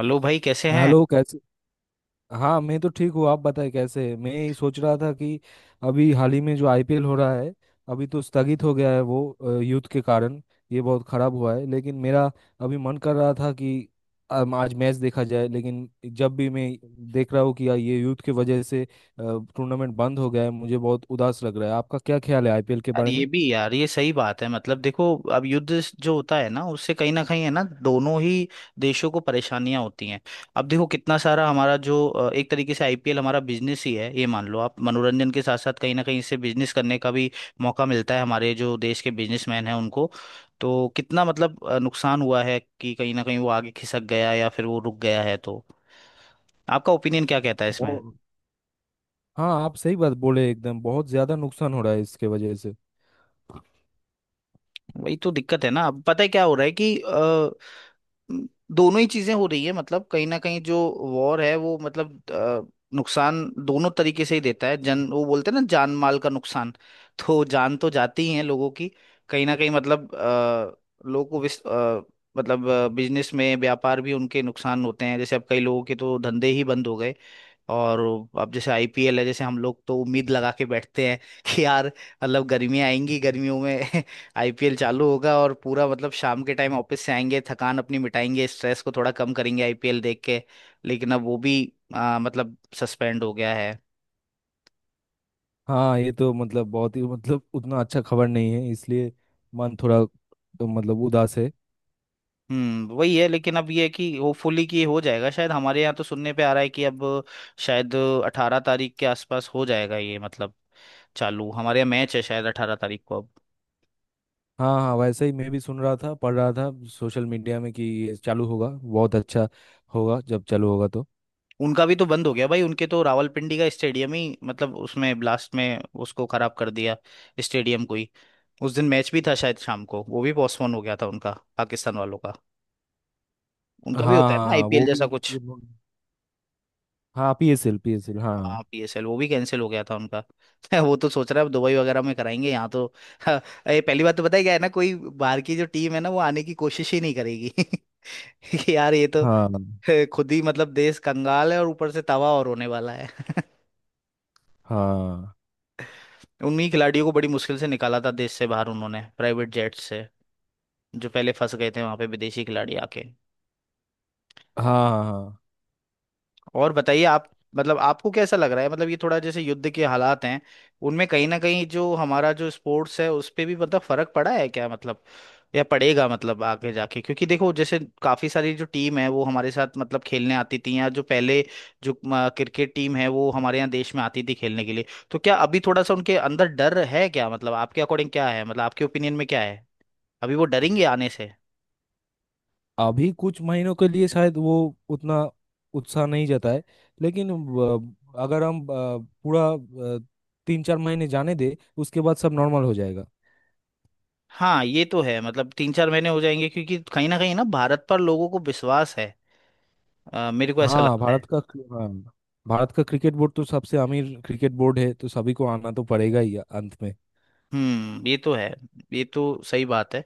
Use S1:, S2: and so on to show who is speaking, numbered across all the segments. S1: Hello भाई कैसे हैं।
S2: हेलो कैसे। हाँ मैं तो ठीक हूँ, आप बताएं कैसे हैं? मैं यही सोच रहा था कि अभी हाल ही में जो आईपीएल हो रहा है, अभी तो स्थगित हो गया है वो युद्ध के कारण। ये बहुत खराब हुआ है, लेकिन मेरा अभी मन कर रहा था कि आज मैच देखा जाए। लेकिन जब भी मैं देख रहा हूँ कि यार ये युद्ध की वजह से टूर्नामेंट बंद हो गया है, मुझे बहुत उदास लग रहा है। आपका क्या ख्याल है आईपीएल के
S1: यार
S2: बारे
S1: ये
S2: में?
S1: भी, यार ये सही बात है। मतलब देखो, अब युद्ध जो होता है ना, उससे कहीं ना कहीं है ना, दोनों ही देशों को परेशानियां होती हैं। अब देखो कितना सारा हमारा जो एक तरीके से आईपीएल हमारा बिजनेस ही है ये, मान लो आप। मनोरंजन के साथ साथ कहीं ना कहीं इससे बिजनेस करने का भी मौका मिलता है हमारे जो देश के बिजनेसमैन हैं उनको। तो कितना मतलब नुकसान हुआ है कि कहीं ना कहीं वो आगे खिसक गया या फिर वो रुक गया है। तो आपका ओपिनियन क्या कहता है इसमें।
S2: बहुत। हाँ आप सही बात बोले एकदम, बहुत ज्यादा नुकसान हो रहा है इसके वजह से।
S1: वही तो दिक्कत है ना। अब पता है क्या हो रहा है कि म, दोनों ही चीजें हो रही है। मतलब कहीं ना कहीं जो वॉर है वो, मतलब नुकसान दोनों तरीके से ही देता है। जन वो बोलते हैं ना, जान माल का नुकसान। तो जान तो जाती ही है लोगों की, कहीं ना कहीं। मतलब लोगों को मतलब बिजनेस में व्यापार भी उनके नुकसान होते हैं। जैसे अब कई लोगों के तो धंधे ही बंद हो गए। और अब जैसे आईपीएल है, जैसे हम लोग तो उम्मीद लगा के बैठते हैं कि यार मतलब गर्मियाँ आएंगी, गर्मियों में आईपीएल चालू होगा और पूरा मतलब शाम के टाइम ऑफिस से आएंगे, थकान अपनी मिटाएंगे, स्ट्रेस को थोड़ा कम करेंगे आईपीएल देख के। लेकिन अब वो भी मतलब सस्पेंड हो गया है।
S2: हाँ ये तो मतलब बहुत ही मतलब उतना अच्छा खबर नहीं है, इसलिए मन थोड़ा तो मतलब उदास है।
S1: हम्म, वही है। लेकिन अब ये है कि होपफुली कि हो जाएगा। शायद हमारे यहाँ तो सुनने पे आ रहा है कि अब शायद 18 तारीख के आसपास हो जाएगा ये, मतलब चालू। हमारे यहाँ मैच है शायद 18 तारीख को।
S2: हाँ हाँ, वैसे ही मैं भी सुन रहा था, पढ़ रहा था सोशल मीडिया में कि ये चालू होगा। बहुत अच्छा होगा जब चालू होगा तो।
S1: उनका भी तो बंद हो गया भाई। उनके तो रावलपिंडी का स्टेडियम ही मतलब उसमें ब्लास्ट में उसको खराब कर दिया, स्टेडियम को ही। उस दिन मैच भी था शायद शाम को, वो भी पोस्टपोन हो गया था उनका, पाकिस्तान वालों का।
S2: हाँ।
S1: उनका भी होता है
S2: हाँ
S1: ना
S2: हाँ,
S1: आईपीएल
S2: वो भी।
S1: जैसा कुछ,
S2: हाँ, पीएसएल, पीएसएल,
S1: हाँ
S2: हाँ।
S1: पीएसएल। वो भी कैंसिल हो गया था उनका। वो तो सोच रहा है अब दुबई वगैरह में कराएंगे यहाँ तो। ये पहली बात तो पता है क्या है ना, कोई बाहर की जो टीम है ना वो आने की कोशिश ही नहीं करेगी। कि यार ये तो
S2: हाँ।
S1: खुद ही मतलब देश कंगाल है और ऊपर से तवा और होने वाला है।
S2: हाँ।
S1: उन्हीं खिलाड़ियों को बड़ी मुश्किल से निकाला था देश से बाहर उन्होंने, प्राइवेट जेट से, जो पहले फंस गए थे वहां पे विदेशी खिलाड़ी आके।
S2: हाँ। हाँ।
S1: और बताइए आप, मतलब आपको कैसा लग रहा है? मतलब ये थोड़ा जैसे युद्ध के हालात हैं उनमें कहीं ना कहीं जो हमारा जो स्पोर्ट्स है उस पे भी मतलब फर्क पड़ा है क्या, मतलब या पड़ेगा मतलब आगे जाके? क्योंकि देखो जैसे काफी सारी जो टीम है वो हमारे साथ मतलब खेलने आती थी, या जो पहले जो क्रिकेट टीम है वो हमारे यहाँ देश में आती थी खेलने के लिए। तो क्या अभी थोड़ा सा उनके अंदर डर है क्या मतलब, आपके अकॉर्डिंग क्या है, मतलब आपके ओपिनियन में क्या है? अभी वो डरेंगे आने से?
S2: अभी कुछ महीनों के लिए शायद वो उतना उत्साह नहीं जाता है। लेकिन अगर हम पूरा अ, तीन चार महीने जाने दे, उसके बाद सब नॉर्मल हो जाएगा।
S1: हाँ ये तो है, मतलब तीन चार महीने हो जाएंगे क्योंकि कहीं ना भारत पर लोगों को विश्वास है, मेरे को ऐसा
S2: हाँ,
S1: लगता
S2: भारत
S1: है।
S2: का। हाँ, भारत का क्रिकेट बोर्ड तो सबसे अमीर क्रिकेट बोर्ड है, तो सभी को आना तो पड़ेगा ही अंत में।
S1: हम्म, ये तो है। ये तो सही बात है।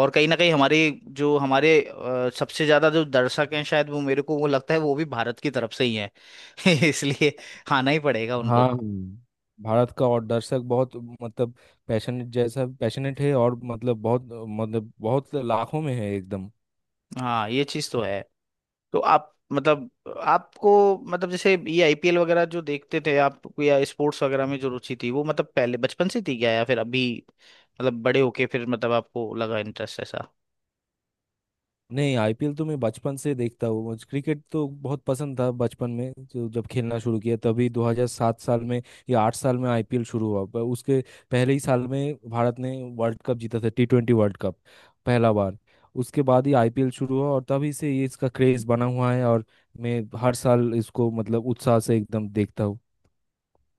S1: और कहीं ना कहीं हमारे जो हमारे सबसे ज्यादा जो दर्शक हैं शायद वो, मेरे को वो लगता है वो भी भारत की तरफ से ही है। इसलिए आना ही पड़ेगा उनको।
S2: हाँ, भारत का और दर्शक बहुत मतलब पैशनेट, जैसा पैशनेट है, और मतलब बहुत लाखों में है एकदम।
S1: हाँ ये चीज़ तो है। तो आप मतलब आपको मतलब जैसे ये आईपीएल वगैरह जो देखते थे आप, या स्पोर्ट्स वगैरह में जो रुचि थी वो, मतलब पहले बचपन से थी क्या, या फिर अभी मतलब बड़े होके फिर मतलब आपको लगा इंटरेस्ट ऐसा?
S2: नहीं, आईपीएल तो मैं बचपन से देखता हूँ। मुझे क्रिकेट तो बहुत पसंद था बचपन में, जो जब खेलना शुरू किया, तभी 2007 साल में या 8 साल में आईपीएल शुरू हुआ। पर उसके पहले ही साल में भारत ने वर्ल्ड कप जीता था, T20 वर्ल्ड कप, पहला बार। उसके बाद ही आईपीएल शुरू हुआ और तभी से ये इसका क्रेज बना हुआ है, और मैं हर साल इसको मतलब उत्साह से एकदम देखता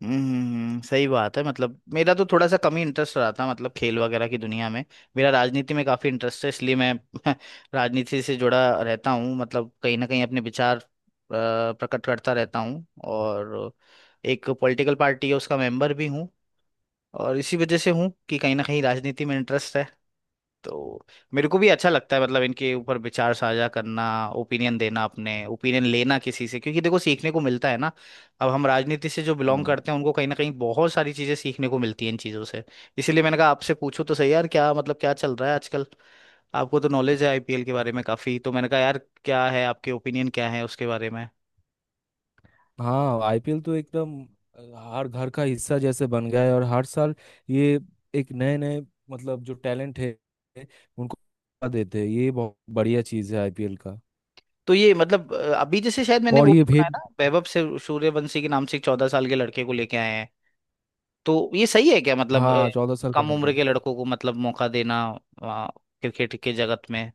S1: हम्म, सही बात है। मतलब मेरा तो थोड़ा सा कम ही इंटरेस्ट रहा था मतलब खेल वगैरह की दुनिया में। मेरा राजनीति में काफी इंटरेस्ट है, इसलिए मैं राजनीति से जुड़ा रहता हूँ। मतलब कहीं ना कहीं अपने विचार प्रकट करता रहता हूँ। और एक पॉलिटिकल पार्टी है उसका मेंबर भी हूँ, और इसी वजह से हूँ कि कहीं ना कहीं राजनीति में इंटरेस्ट है। तो मेरे को भी अच्छा लगता है मतलब इनके ऊपर विचार साझा करना, ओपिनियन देना अपने, ओपिनियन लेना किसी से, क्योंकि देखो सीखने को मिलता है ना। अब हम राजनीति से जो बिलोंग
S2: हूँ।
S1: करते हैं उनको कहीं ना कहीं बहुत सारी चीजें सीखने को मिलती हैं इन चीजों से। इसीलिए मैंने कहा आपसे पूछूं तो सही यार, क्या मतलब क्या चल रहा है आजकल। आपको तो नॉलेज है आईपीएल के बारे में काफी, तो मैंने कहा यार क्या है आपके, ओपिनियन क्या है उसके बारे में।
S2: हाँ, आईपीएल तो एकदम हर घर का हिस्सा जैसे बन गया है, और हर साल ये एक नए नए मतलब जो टैलेंट है उनको मौका देते हैं। ये बहुत बढ़िया चीज़ है आईपीएल का।
S1: तो ये मतलब अभी जैसे शायद मैंने
S2: और
S1: वो भी
S2: ये
S1: सुना है
S2: भेद।
S1: ना वैभव से सूर्यवंशी के नाम से एक 14 साल के लड़के को लेके आए हैं। तो ये सही है क्या मतलब
S2: हाँ, चौदह साल का
S1: कम
S2: होगा।
S1: उम्र के लड़कों को मतलब मौका देना अ, क्रिकेट के जगत में?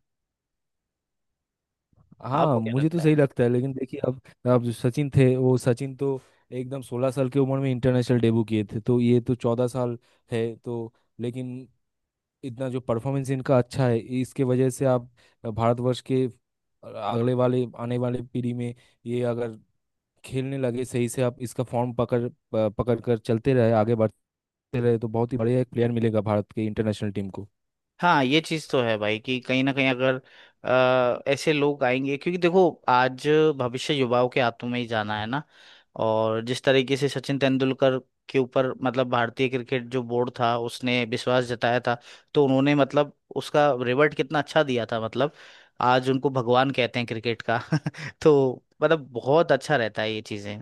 S2: हाँ
S1: आपको क्या
S2: मुझे तो
S1: लगता है?
S2: सही लगता है। लेकिन देखिए, अब जो सचिन थे, वो सचिन तो एकदम सोलह साल की उम्र में इंटरनेशनल डेब्यू किए थे, तो ये तो चौदह साल है तो। लेकिन इतना जो परफॉर्मेंस इनका अच्छा है, इसके वजह से आप भारतवर्ष के अगले वाले आने वाले पीढ़ी में ये अगर खेलने लगे सही से, आप इसका फॉर्म पकड़ पकड़ कर चलते रहे, आगे बढ़ते रहे, तो बहुत ही बढ़िया एक प्लेयर मिलेगा भारत के इंटरनेशनल टीम को।
S1: हाँ ये चीज तो है भाई, कि कहीं ना कहीं अगर ऐसे लोग आएंगे, क्योंकि देखो आज भविष्य युवाओं के हाथों में ही जाना है ना। और जिस तरीके से सचिन तेंदुलकर के ऊपर मतलब भारतीय क्रिकेट जो बोर्ड था उसने विश्वास जताया था, तो उन्होंने मतलब उसका रिवर्ट कितना अच्छा दिया था, मतलब आज उनको भगवान कहते हैं क्रिकेट का। तो मतलब बहुत अच्छा रहता है ये चीजें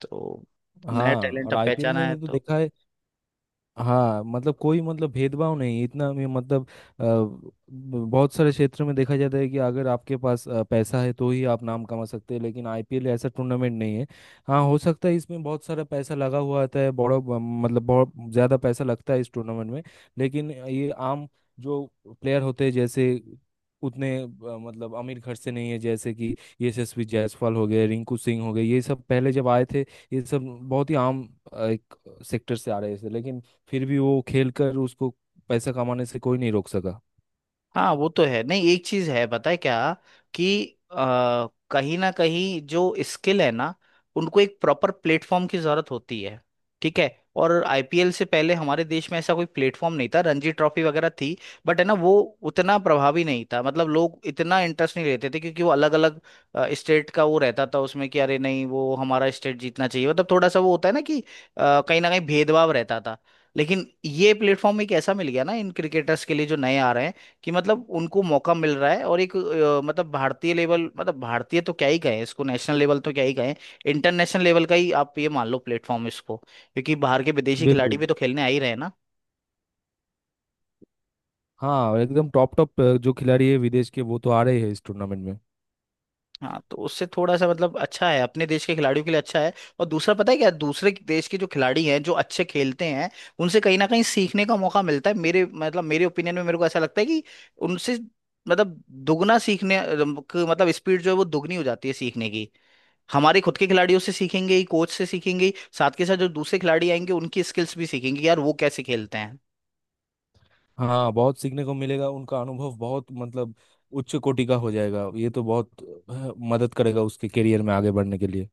S1: तो। नया
S2: हाँ,
S1: टैलेंट
S2: और
S1: अब
S2: आईपीएल
S1: पहचाना
S2: में
S1: है
S2: भी तो
S1: तो।
S2: देखा है। हाँ, मतलब कोई मतलब भेदभाव नहीं इतना में मतलब अ, ब- बहुत सारे क्षेत्र में देखा जाता है कि अगर आपके पास पैसा है तो ही आप नाम कमा सकते हैं, लेकिन आईपीएल ऐसा टूर्नामेंट नहीं है। हाँ, हो सकता है इसमें बहुत सारा पैसा लगा हुआ आता है, बड़ा मतलब बहुत ज़्यादा पैसा लगता है इस टूर्नामेंट में। लेकिन ये आम जो प्लेयर होते हैं, जैसे उतने मतलब अमीर घर से नहीं है, जैसे कि यशस्वी जायसवाल हो गए, रिंकू सिंह हो गए, ये सब पहले जब आए थे, ये सब बहुत ही आम एक सेक्टर से आ रहे थे। लेकिन फिर भी वो खेल कर, उसको पैसा कमाने से कोई नहीं रोक सका।
S1: हाँ वो तो है, नहीं एक चीज है पता है क्या, कि कहीं ना कहीं जो स्किल है ना उनको एक प्रॉपर प्लेटफॉर्म की जरूरत होती है, ठीक है। और आईपीएल से पहले हमारे देश में ऐसा कोई प्लेटफॉर्म नहीं था। रणजी ट्रॉफी वगैरह थी बट है ना वो उतना प्रभावी नहीं था, मतलब लोग इतना इंटरेस्ट नहीं लेते थे, क्योंकि वो अलग अलग स्टेट का वो रहता था उसमें, कि अरे नहीं वो हमारा स्टेट जीतना चाहिए, मतलब थोड़ा सा वो होता है ना, कि कहीं ना कहीं भेदभाव रहता था। लेकिन ये प्लेटफॉर्म एक ऐसा मिल गया ना इन क्रिकेटर्स के लिए जो नए आ रहे हैं, कि मतलब उनको मौका मिल रहा है, और एक मतलब भारतीय लेवल, मतलब भारतीय तो क्या ही कहें इसको, नेशनल लेवल तो क्या ही कहें, इंटरनेशनल लेवल का ही आप ये मान लो प्लेटफॉर्म इसको, क्योंकि बाहर के विदेशी खिलाड़ी
S2: बिल्कुल।
S1: भी तो खेलने आ ही रहे हैं ना।
S2: हाँ, एकदम टॉप टॉप जो खिलाड़ी है विदेश के, वो तो आ रहे हैं इस टूर्नामेंट में।
S1: हाँ तो उससे थोड़ा सा मतलब अच्छा है, अपने देश के खिलाड़ियों के लिए अच्छा है। और दूसरा पता है क्या, दूसरे देश के जो खिलाड़ी हैं जो अच्छे खेलते हैं उनसे कहीं ना कहीं सीखने का मौका मिलता है। मेरे मतलब मेरे ओपिनियन में मेरे को ऐसा लगता है कि उनसे मतलब दुगना सीखने मतलब स्पीड जो है वो दुगनी हो जाती है सीखने की। हमारे खुद के खिलाड़ियों से सीखेंगे ही, कोच से सीखेंगे ही, साथ के साथ जो दूसरे खिलाड़ी आएंगे उनकी स्किल्स भी सीखेंगे कि यार वो कैसे खेलते हैं।
S2: हाँ, बहुत सीखने को मिलेगा। उनका अनुभव बहुत मतलब उच्च कोटि का हो जाएगा। ये तो बहुत मदद करेगा उसके करियर में आगे बढ़ने के लिए।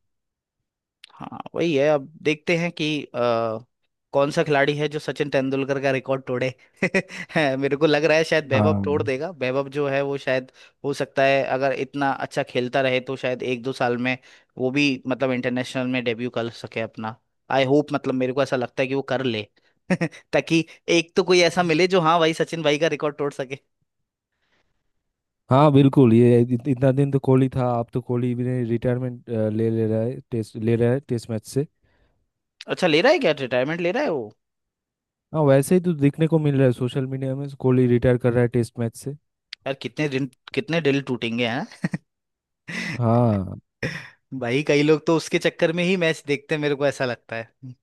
S1: हाँ वही है। अब देखते हैं कि कौन सा खिलाड़ी है जो सचिन तेंदुलकर का रिकॉर्ड तोड़े। है, मेरे को लग रहा है शायद वैभव
S2: हाँ
S1: तोड़ देगा। वैभव जो है वो शायद हो सकता है, अगर इतना अच्छा खेलता रहे तो शायद एक दो साल में वो भी मतलब इंटरनेशनल में डेब्यू कर सके अपना। आई होप, मतलब मेरे को ऐसा लगता है कि वो कर ले। ताकि एक तो कोई ऐसा मिले जो, हाँ भाई सचिन भाई का रिकॉर्ड तोड़ सके।
S2: हाँ बिल्कुल। ये इतना दिन तो कोहली था, अब तो कोहली भी रिटायरमेंट ले ले रहा है, टेस्ट ले रहा है, टेस्ट मैच से।
S1: अच्छा, ले रहा है क्या, रिटायरमेंट ले रहा है वो?
S2: हाँ, वैसे ही तो देखने को मिल रहा है सोशल मीडिया में, कोहली रिटायर कर रहा है टेस्ट मैच से।
S1: यार कितने दिन, कितने दिल टूटेंगे हैं।
S2: हाँ
S1: भाई कई लोग तो उसके चक्कर में ही मैच देखते हैं, मेरे को ऐसा लगता है।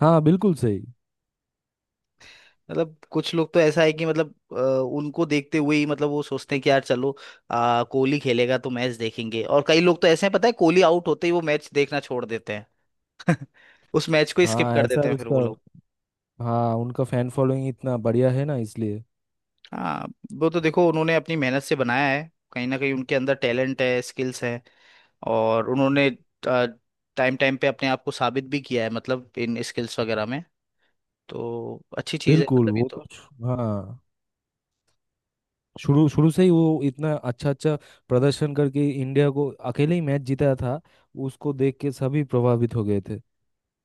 S2: हाँ बिल्कुल सही।
S1: मतलब कुछ लोग तो ऐसा है कि मतलब उनको देखते हुए ही मतलब वो सोचते हैं कि यार चलो कोहली खेलेगा तो मैच देखेंगे। और कई लोग तो ऐसे हैं पता है, कोहली आउट होते ही वो मैच देखना छोड़ देते हैं। उस मैच को स्किप
S2: हाँ,
S1: कर
S2: ऐसा
S1: देते हैं फिर
S2: उसका।
S1: वो लोग।
S2: हाँ, उनका फैन फॉलोइंग इतना बढ़िया है ना, इसलिए।
S1: हाँ, वो तो देखो उन्होंने अपनी मेहनत से बनाया है। कहीं ना कहीं उनके अंदर टैलेंट है, स्किल्स है, और उन्होंने टाइम टाइम पे अपने आप को साबित भी किया है, मतलब इन स्किल्स वगैरह में। तो अच्छी चीज़ है
S2: बिल्कुल।
S1: मतलब ये
S2: वो तो
S1: तो।
S2: हाँ, शुरू शुरू से ही वो इतना अच्छा अच्छा प्रदर्शन करके इंडिया को अकेले ही मैच जीता था। उसको देख के सभी प्रभावित हो गए थे।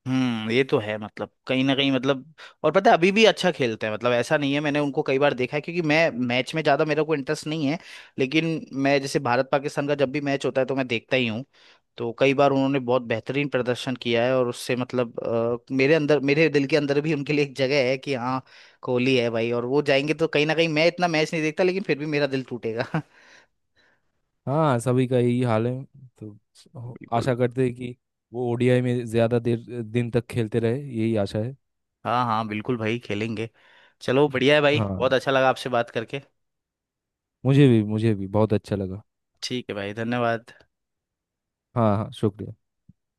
S1: हम्म, ये तो है। मतलब कहीं ना कहीं, मतलब और पता है अभी भी अच्छा खेलते हैं मतलब, ऐसा नहीं है। मैंने उनको कई बार देखा है, क्योंकि मैं मैच में ज्यादा मेरे को इंटरेस्ट नहीं है, लेकिन मैं जैसे भारत पाकिस्तान का जब भी मैच होता है तो मैं देखता ही हूँ। तो कई बार उन्होंने बहुत बेहतरीन प्रदर्शन किया है, और उससे मतलब मेरे अंदर मेरे दिल के अंदर भी उनके लिए एक जगह है कि हाँ कोहली है भाई, और वो जाएंगे तो कहीं ना कहीं मैं इतना मैच नहीं देखता लेकिन फिर भी मेरा दिल टूटेगा।
S2: हाँ सभी का यही हाल है, तो
S1: बिल्कुल।
S2: आशा करते हैं कि वो ओडीआई में ज्यादा देर दिन तक खेलते रहे, यही आशा है।
S1: हाँ हाँ बिल्कुल भाई, खेलेंगे। चलो बढ़िया है भाई,
S2: हाँ
S1: बहुत अच्छा लगा आपसे बात करके।
S2: मुझे भी बहुत अच्छा लगा।
S1: ठीक है भाई, धन्यवाद।
S2: हाँ हाँ शुक्रिया।